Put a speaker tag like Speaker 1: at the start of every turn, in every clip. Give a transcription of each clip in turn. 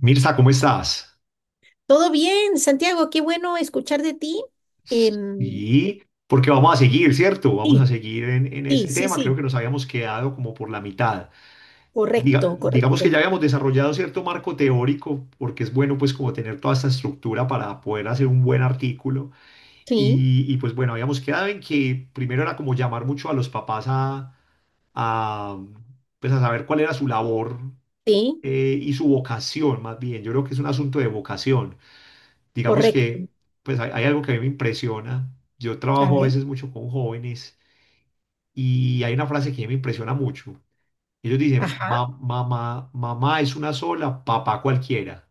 Speaker 1: Mirza, ¿cómo estás?
Speaker 2: Todo bien, Santiago, qué bueno escuchar de ti. Em,
Speaker 1: Y porque vamos a seguir, ¿cierto? Vamos a
Speaker 2: sí,
Speaker 1: seguir en
Speaker 2: sí,
Speaker 1: este
Speaker 2: sí,
Speaker 1: tema. Creo que
Speaker 2: sí,
Speaker 1: nos habíamos quedado como por la mitad.
Speaker 2: correcto,
Speaker 1: Digamos que
Speaker 2: correcto.
Speaker 1: ya habíamos desarrollado cierto marco teórico, porque es bueno pues como tener toda esta estructura para poder hacer un buen artículo.
Speaker 2: Sí,
Speaker 1: Pues bueno, habíamos quedado en que primero era como llamar mucho a los papás a, pues a saber cuál era su labor,
Speaker 2: sí,
Speaker 1: y su vocación más bien. Yo creo que es un asunto de vocación, digamos
Speaker 2: correcto.
Speaker 1: que pues hay algo que a mí me impresiona. Yo
Speaker 2: A
Speaker 1: trabajo a
Speaker 2: ver,
Speaker 1: veces mucho con jóvenes y hay una frase que me impresiona mucho. Ellos dicen,
Speaker 2: ajá.
Speaker 1: Mamá, mamá es una sola, papá cualquiera".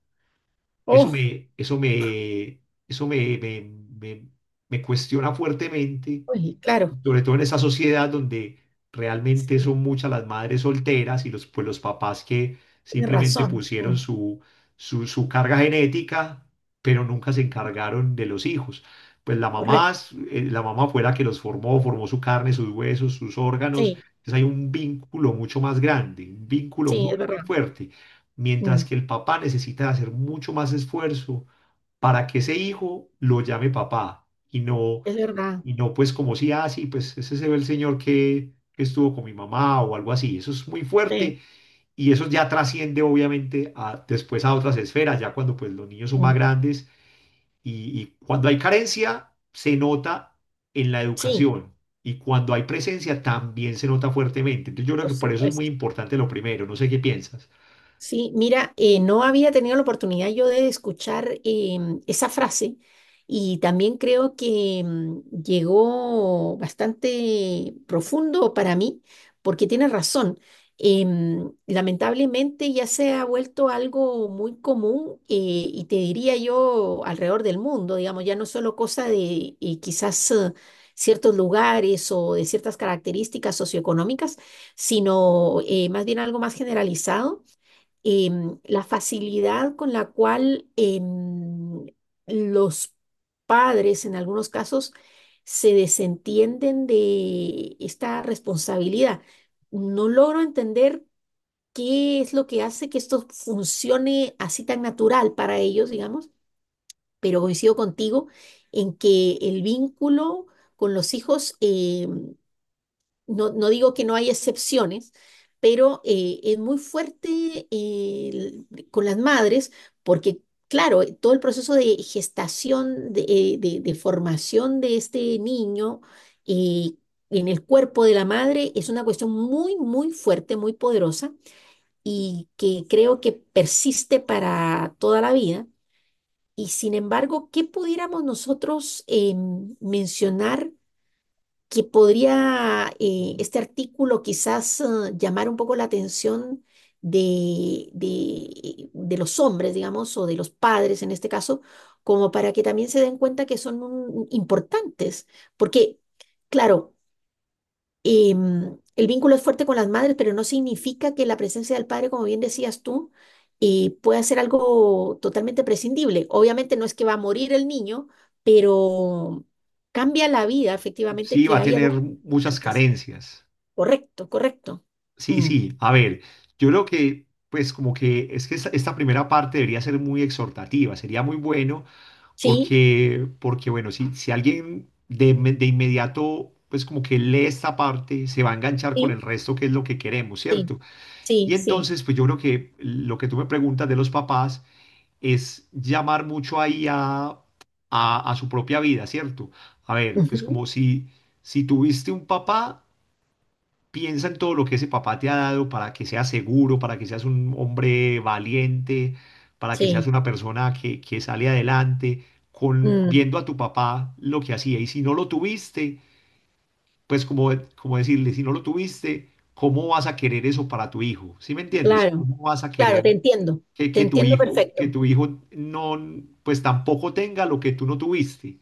Speaker 1: Eso
Speaker 2: Oh,
Speaker 1: me, eso me, eso me, me, me, me cuestiona fuertemente,
Speaker 2: uy, claro,
Speaker 1: sobre todo en esa sociedad donde realmente
Speaker 2: sí,
Speaker 1: son muchas las madres solteras y los, pues los papás que
Speaker 2: tienes
Speaker 1: simplemente
Speaker 2: razón.
Speaker 1: pusieron
Speaker 2: Mm,
Speaker 1: su carga genética, pero nunca se encargaron de los hijos. Pues la mamá,
Speaker 2: correcto,
Speaker 1: es- eh, la mamá fue la que los formó, formó su carne, sus huesos, sus órganos.
Speaker 2: sí,
Speaker 1: Entonces hay un vínculo mucho más grande, un vínculo
Speaker 2: sí, es
Speaker 1: muy, muy
Speaker 2: verdad.
Speaker 1: fuerte. Mientras
Speaker 2: Mm,
Speaker 1: que el papá necesita hacer mucho más esfuerzo para que ese hijo lo llame papá y no,
Speaker 2: es verdad.
Speaker 1: pues, como si, ah, sí, pues ese se ve, el señor que estuvo con mi mamá o algo así. Eso es muy
Speaker 2: Sí,
Speaker 1: fuerte, y eso ya trasciende obviamente a, después a otras esferas, ya cuando pues los niños son más
Speaker 2: mm,
Speaker 1: grandes cuando hay carencia se nota en la
Speaker 2: sí,
Speaker 1: educación, y cuando hay presencia también se nota fuertemente. Entonces yo creo
Speaker 2: por
Speaker 1: que por eso es muy
Speaker 2: supuesto.
Speaker 1: importante lo primero, no sé qué piensas.
Speaker 2: Sí, mira, no había tenido la oportunidad yo de escuchar esa frase y también creo que llegó bastante profundo para mí porque tienes razón. Lamentablemente ya se ha vuelto algo muy común y te diría yo alrededor del mundo, digamos, ya no solo cosa de quizás ciertos lugares o de ciertas características socioeconómicas, sino más bien algo más generalizado la facilidad con la cual los padres, en algunos casos, se desentienden de esta responsabilidad. No logro entender qué es lo que hace que esto funcione así tan natural para ellos, digamos, pero coincido contigo en que el vínculo con los hijos no, no digo que no hay excepciones, pero es muy fuerte con las madres porque, claro, todo el proceso de gestación, de formación de este niño eh, en el cuerpo de la madre es una cuestión muy, muy fuerte, muy poderosa y que creo que persiste para toda la vida. Y sin embargo, ¿qué pudiéramos nosotros mencionar? Que podría este artículo quizás llamar un poco la atención de los hombres, digamos, o de los padres en este caso, como para que también se den cuenta que son importantes, porque, claro, eh, el vínculo es fuerte con las madres, pero no significa que la presencia del padre, como bien decías tú, pueda ser algo totalmente prescindible. Obviamente no es que va a morir el niño, pero cambia la vida efectivamente
Speaker 1: Sí, va
Speaker 2: que
Speaker 1: a
Speaker 2: haya
Speaker 1: tener
Speaker 2: dos
Speaker 1: muchas
Speaker 2: antes.
Speaker 1: carencias.
Speaker 2: Correcto, correcto.
Speaker 1: Sí,
Speaker 2: Mm.
Speaker 1: sí, a ver, yo creo que, pues como que, es que esta primera parte debería ser muy exhortativa, sería muy bueno,
Speaker 2: Sí,
Speaker 1: porque, bueno, si alguien de inmediato pues como que lee esta parte, se va a enganchar con
Speaker 2: sí,
Speaker 1: el resto, que es lo que queremos,
Speaker 2: sí,
Speaker 1: ¿cierto?
Speaker 2: sí,
Speaker 1: Y
Speaker 2: sí.
Speaker 1: entonces, pues yo creo que lo que tú me preguntas de los papás es llamar mucho ahí a su propia vida, ¿cierto? A ver, pues como
Speaker 2: Ujú,
Speaker 1: si tuviste un papá, piensa en todo lo que ese papá te ha dado, para que seas seguro, para que seas un hombre valiente, para que seas
Speaker 2: sí,
Speaker 1: una persona que sale adelante, con,
Speaker 2: mm,
Speaker 1: viendo a tu papá lo que hacía. Y si no lo tuviste, pues como, como decirle, si no lo tuviste, ¿cómo vas a querer eso para tu hijo? ¿Sí me entiendes?
Speaker 2: claro,
Speaker 1: ¿Cómo vas a
Speaker 2: claro,
Speaker 1: querer que,
Speaker 2: te
Speaker 1: que tu
Speaker 2: entiendo
Speaker 1: hijo, que
Speaker 2: perfecto.
Speaker 1: tu hijo no, pues tampoco tenga lo que tú no tuviste?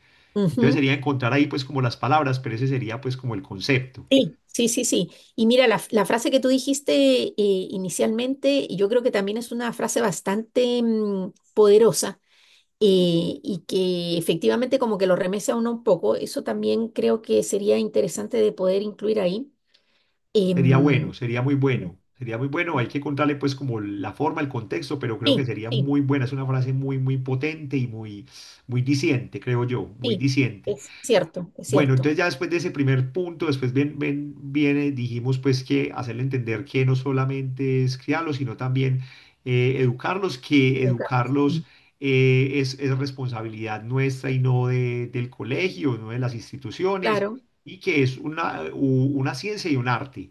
Speaker 1: Entonces
Speaker 2: Ujú.
Speaker 1: sería encontrar ahí pues como las palabras, pero ese sería pues como el concepto.
Speaker 2: Sí, sí, sí, sí. Y mira, la frase que tú dijiste inicialmente, y yo creo que también es una frase bastante poderosa y que efectivamente como que lo remece a uno un poco. Eso también creo que sería interesante de poder incluir ahí.
Speaker 1: Sería
Speaker 2: Em,
Speaker 1: bueno, sería muy bueno, sería muy bueno. Hay que contarle pues como la forma, el contexto, pero creo que
Speaker 2: sí,
Speaker 1: sería
Speaker 2: sí,
Speaker 1: muy buena. Es una frase muy, muy potente y muy, muy diciente, creo yo, muy
Speaker 2: sí,
Speaker 1: diciente.
Speaker 2: es cierto, es
Speaker 1: Bueno,
Speaker 2: cierto.
Speaker 1: entonces ya después de ese primer punto, después viene, dijimos pues que hacerle entender que no solamente es criarlos, sino también educarlos, que
Speaker 2: Educar,
Speaker 1: educarlos,
Speaker 2: sí,
Speaker 1: es responsabilidad nuestra y del colegio, no de las instituciones,
Speaker 2: claro,
Speaker 1: y que es una ciencia y un arte,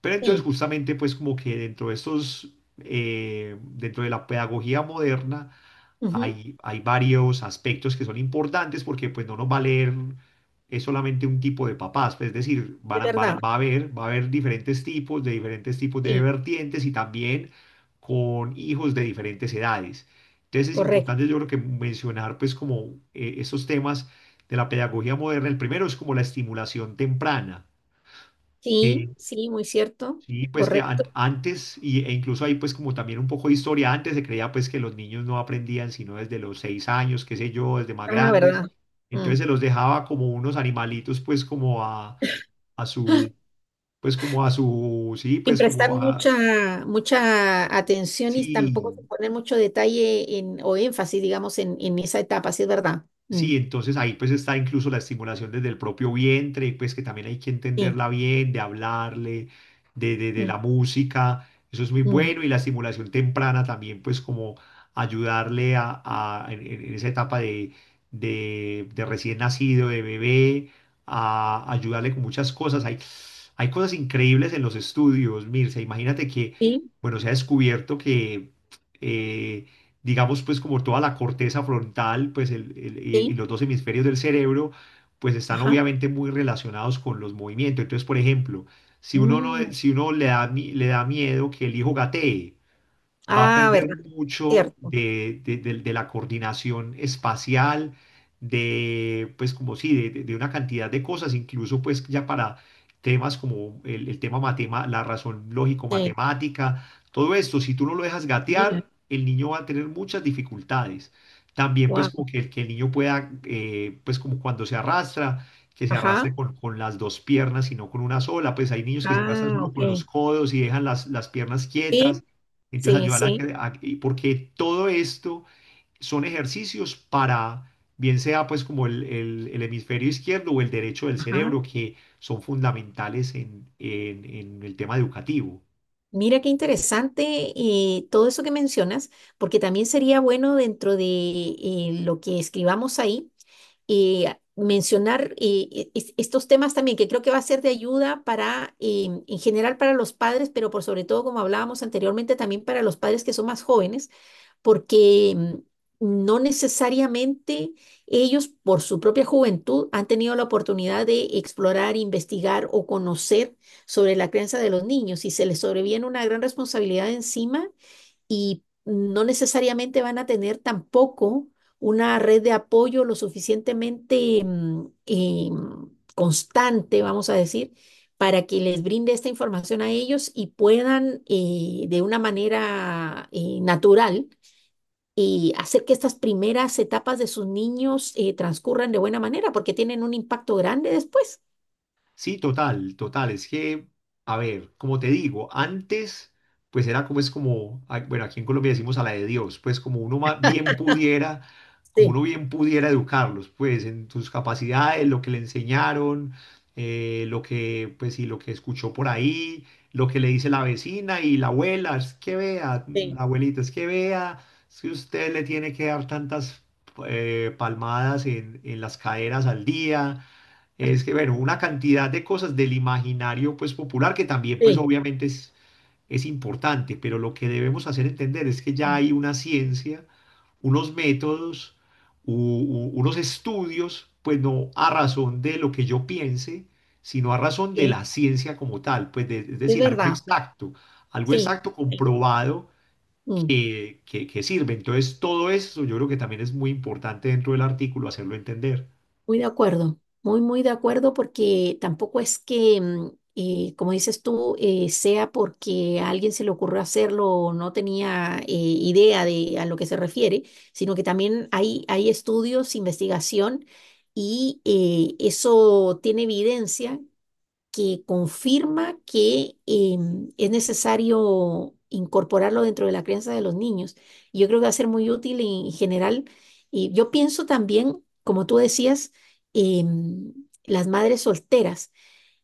Speaker 1: pero entonces
Speaker 2: sí,
Speaker 1: justamente pues como que dentro de la pedagogía moderna
Speaker 2: ujú,
Speaker 1: hay varios aspectos que son importantes, porque pues no nos va a leer es solamente un tipo de papás, pues, es decir, van
Speaker 2: es
Speaker 1: a- van a-
Speaker 2: verdad,
Speaker 1: va a haber diferentes tipos de
Speaker 2: sí,
Speaker 1: vertientes y también con hijos de diferentes edades. Entonces es
Speaker 2: correcto.
Speaker 1: importante, yo creo, que mencionar pues como esos temas de la pedagogía moderna. El primero es como la estimulación temprana.
Speaker 2: Sí, sí, muy cierto,
Speaker 1: Sí, pues que
Speaker 2: correcto.
Speaker 1: y, incluso ahí pues como también un poco de historia, antes se creía pues que los niños no aprendían sino desde los 6 años, qué sé yo, desde más
Speaker 2: Ah,
Speaker 1: grandes.
Speaker 2: verdad. Mm.
Speaker 1: Entonces se los dejaba como unos animalitos, pues como a su, pues como a su, sí,
Speaker 2: Sin
Speaker 1: pues
Speaker 2: prestar
Speaker 1: como a,
Speaker 2: mucha, mucha atención y tampoco
Speaker 1: sí,
Speaker 2: sin poner mucho detalle en, o énfasis, digamos, en esa etapa, sí es verdad. Mm,
Speaker 1: sí, entonces ahí pues está incluso la estimulación desde el propio vientre, pues que también hay que
Speaker 2: sí,
Speaker 1: entenderla bien, de hablarle, de
Speaker 2: mm,
Speaker 1: la música, eso es muy
Speaker 2: mm,
Speaker 1: bueno, y la estimulación temprana también pues como ayudarle a, en esa etapa de recién nacido, de bebé, a ayudarle con muchas cosas. Hay cosas increíbles en los estudios, Mirce, imagínate que,
Speaker 2: sí,
Speaker 1: bueno, se ha descubierto que... eh, digamos, pues como toda la corteza frontal, pues y
Speaker 2: sí,
Speaker 1: los dos hemisferios del cerebro, pues están
Speaker 2: ajá.
Speaker 1: obviamente muy relacionados con los movimientos. Entonces, por ejemplo, si uno no,
Speaker 2: Mm,
Speaker 1: si uno le da, le da miedo que el hijo gatee, va a
Speaker 2: ah,
Speaker 1: perder
Speaker 2: verdad,
Speaker 1: mucho
Speaker 2: cierto.
Speaker 1: de, de la coordinación espacial, de, pues como sí, de una cantidad de cosas, incluso pues ya para temas como la razón
Speaker 2: Sí,
Speaker 1: lógico-matemática. Todo esto, si tú no lo dejas
Speaker 2: mira,
Speaker 1: gatear, el niño va a tener muchas dificultades. También pues
Speaker 2: wow.
Speaker 1: como que, que el niño pueda, pues como cuando se arrastra, que se
Speaker 2: Ajá,
Speaker 1: arrastre con las dos piernas y no con una sola, pues hay niños que se arrastran
Speaker 2: ah,
Speaker 1: solo
Speaker 2: ok.
Speaker 1: con los codos y dejan las piernas quietas.
Speaker 2: Sí,
Speaker 1: Entonces
Speaker 2: sí,
Speaker 1: ayúdala a
Speaker 2: sí,
Speaker 1: que, y porque todo esto son ejercicios para, bien sea pues como el hemisferio izquierdo o el derecho del
Speaker 2: ajá.
Speaker 1: cerebro, que son fundamentales en el tema educativo.
Speaker 2: Mira qué interesante todo eso que mencionas, porque también sería bueno dentro de lo que escribamos ahí y mencionar estos temas también, que creo que va a ser de ayuda para, en general para los padres, pero por sobre todo, como hablábamos anteriormente, también para los padres que son más jóvenes, porque no necesariamente ellos, por su propia juventud, han tenido la oportunidad de explorar, investigar o conocer sobre la crianza de los niños y se les sobreviene una gran responsabilidad encima y no necesariamente van a tener tampoco una red de apoyo lo suficientemente constante, vamos a decir, para que les brinde esta información a ellos y puedan de una manera natural y hacer que estas primeras etapas de sus niños transcurran de buena manera, porque tienen un impacto grande después.
Speaker 1: Sí, total, total. Es que, a ver, como te digo, antes, pues era como es como, ah, bueno, aquí en Colombia decimos a la de Dios, pues como uno bien pudiera, como
Speaker 2: Sí,
Speaker 1: uno bien pudiera educarlos, pues en sus capacidades, lo que le enseñaron, lo que, pues sí, lo que escuchó por ahí, lo que le dice la vecina y la abuela, es que vea,
Speaker 2: sí,
Speaker 1: la abuelita, es que vea, si usted le tiene que dar tantas palmadas en las caderas al día, es que, bueno, una cantidad de cosas del imaginario pues popular que también pues
Speaker 2: sí.
Speaker 1: obviamente es importante, pero lo que debemos hacer entender es que ya hay una ciencia, unos métodos, unos estudios, pues no a razón de lo que yo piense, sino a razón de
Speaker 2: Sí,
Speaker 1: la ciencia como tal, pues es
Speaker 2: es
Speaker 1: decir,
Speaker 2: verdad.
Speaker 1: algo
Speaker 2: Sí.
Speaker 1: exacto
Speaker 2: Sí.
Speaker 1: comprobado
Speaker 2: Mm.
Speaker 1: que sirve. Entonces, todo eso yo creo que también es muy importante dentro del artículo hacerlo entender.
Speaker 2: Muy de acuerdo, muy, muy de acuerdo, porque tampoco es que, como dices tú, sea porque a alguien se le ocurrió hacerlo o no tenía idea de a lo que se refiere, sino que también hay estudios, investigación, y eso tiene evidencia que confirma que es necesario incorporarlo dentro de la crianza de los niños. Y yo creo que va a ser muy útil en general. Y yo pienso también, como tú decías, em, las madres solteras,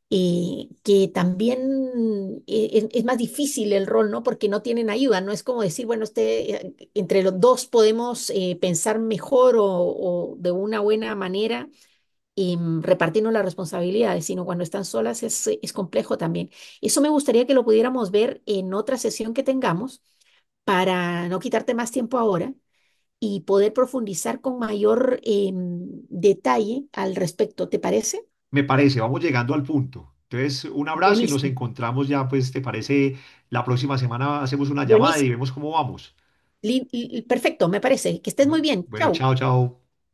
Speaker 2: que también es más difícil el rol, ¿no? Porque no tienen ayuda. No es como decir, bueno, este, entre los dos podemos pensar mejor o de una buena manera y repartirnos las responsabilidades, sino cuando están solas es complejo también. Eso me gustaría que lo pudiéramos ver en otra sesión que tengamos para no quitarte más tiempo ahora y poder profundizar con mayor detalle al respecto. ¿Te parece?
Speaker 1: Me parece, vamos llegando al punto. Entonces, un abrazo y nos
Speaker 2: Buenísimo,
Speaker 1: encontramos ya, pues, ¿te parece? La próxima semana hacemos una llamada y
Speaker 2: buenísimo.
Speaker 1: vemos cómo vamos.
Speaker 2: Perfecto, me parece. Que estés muy bien.
Speaker 1: Bueno,
Speaker 2: Chao.
Speaker 1: chao, chao.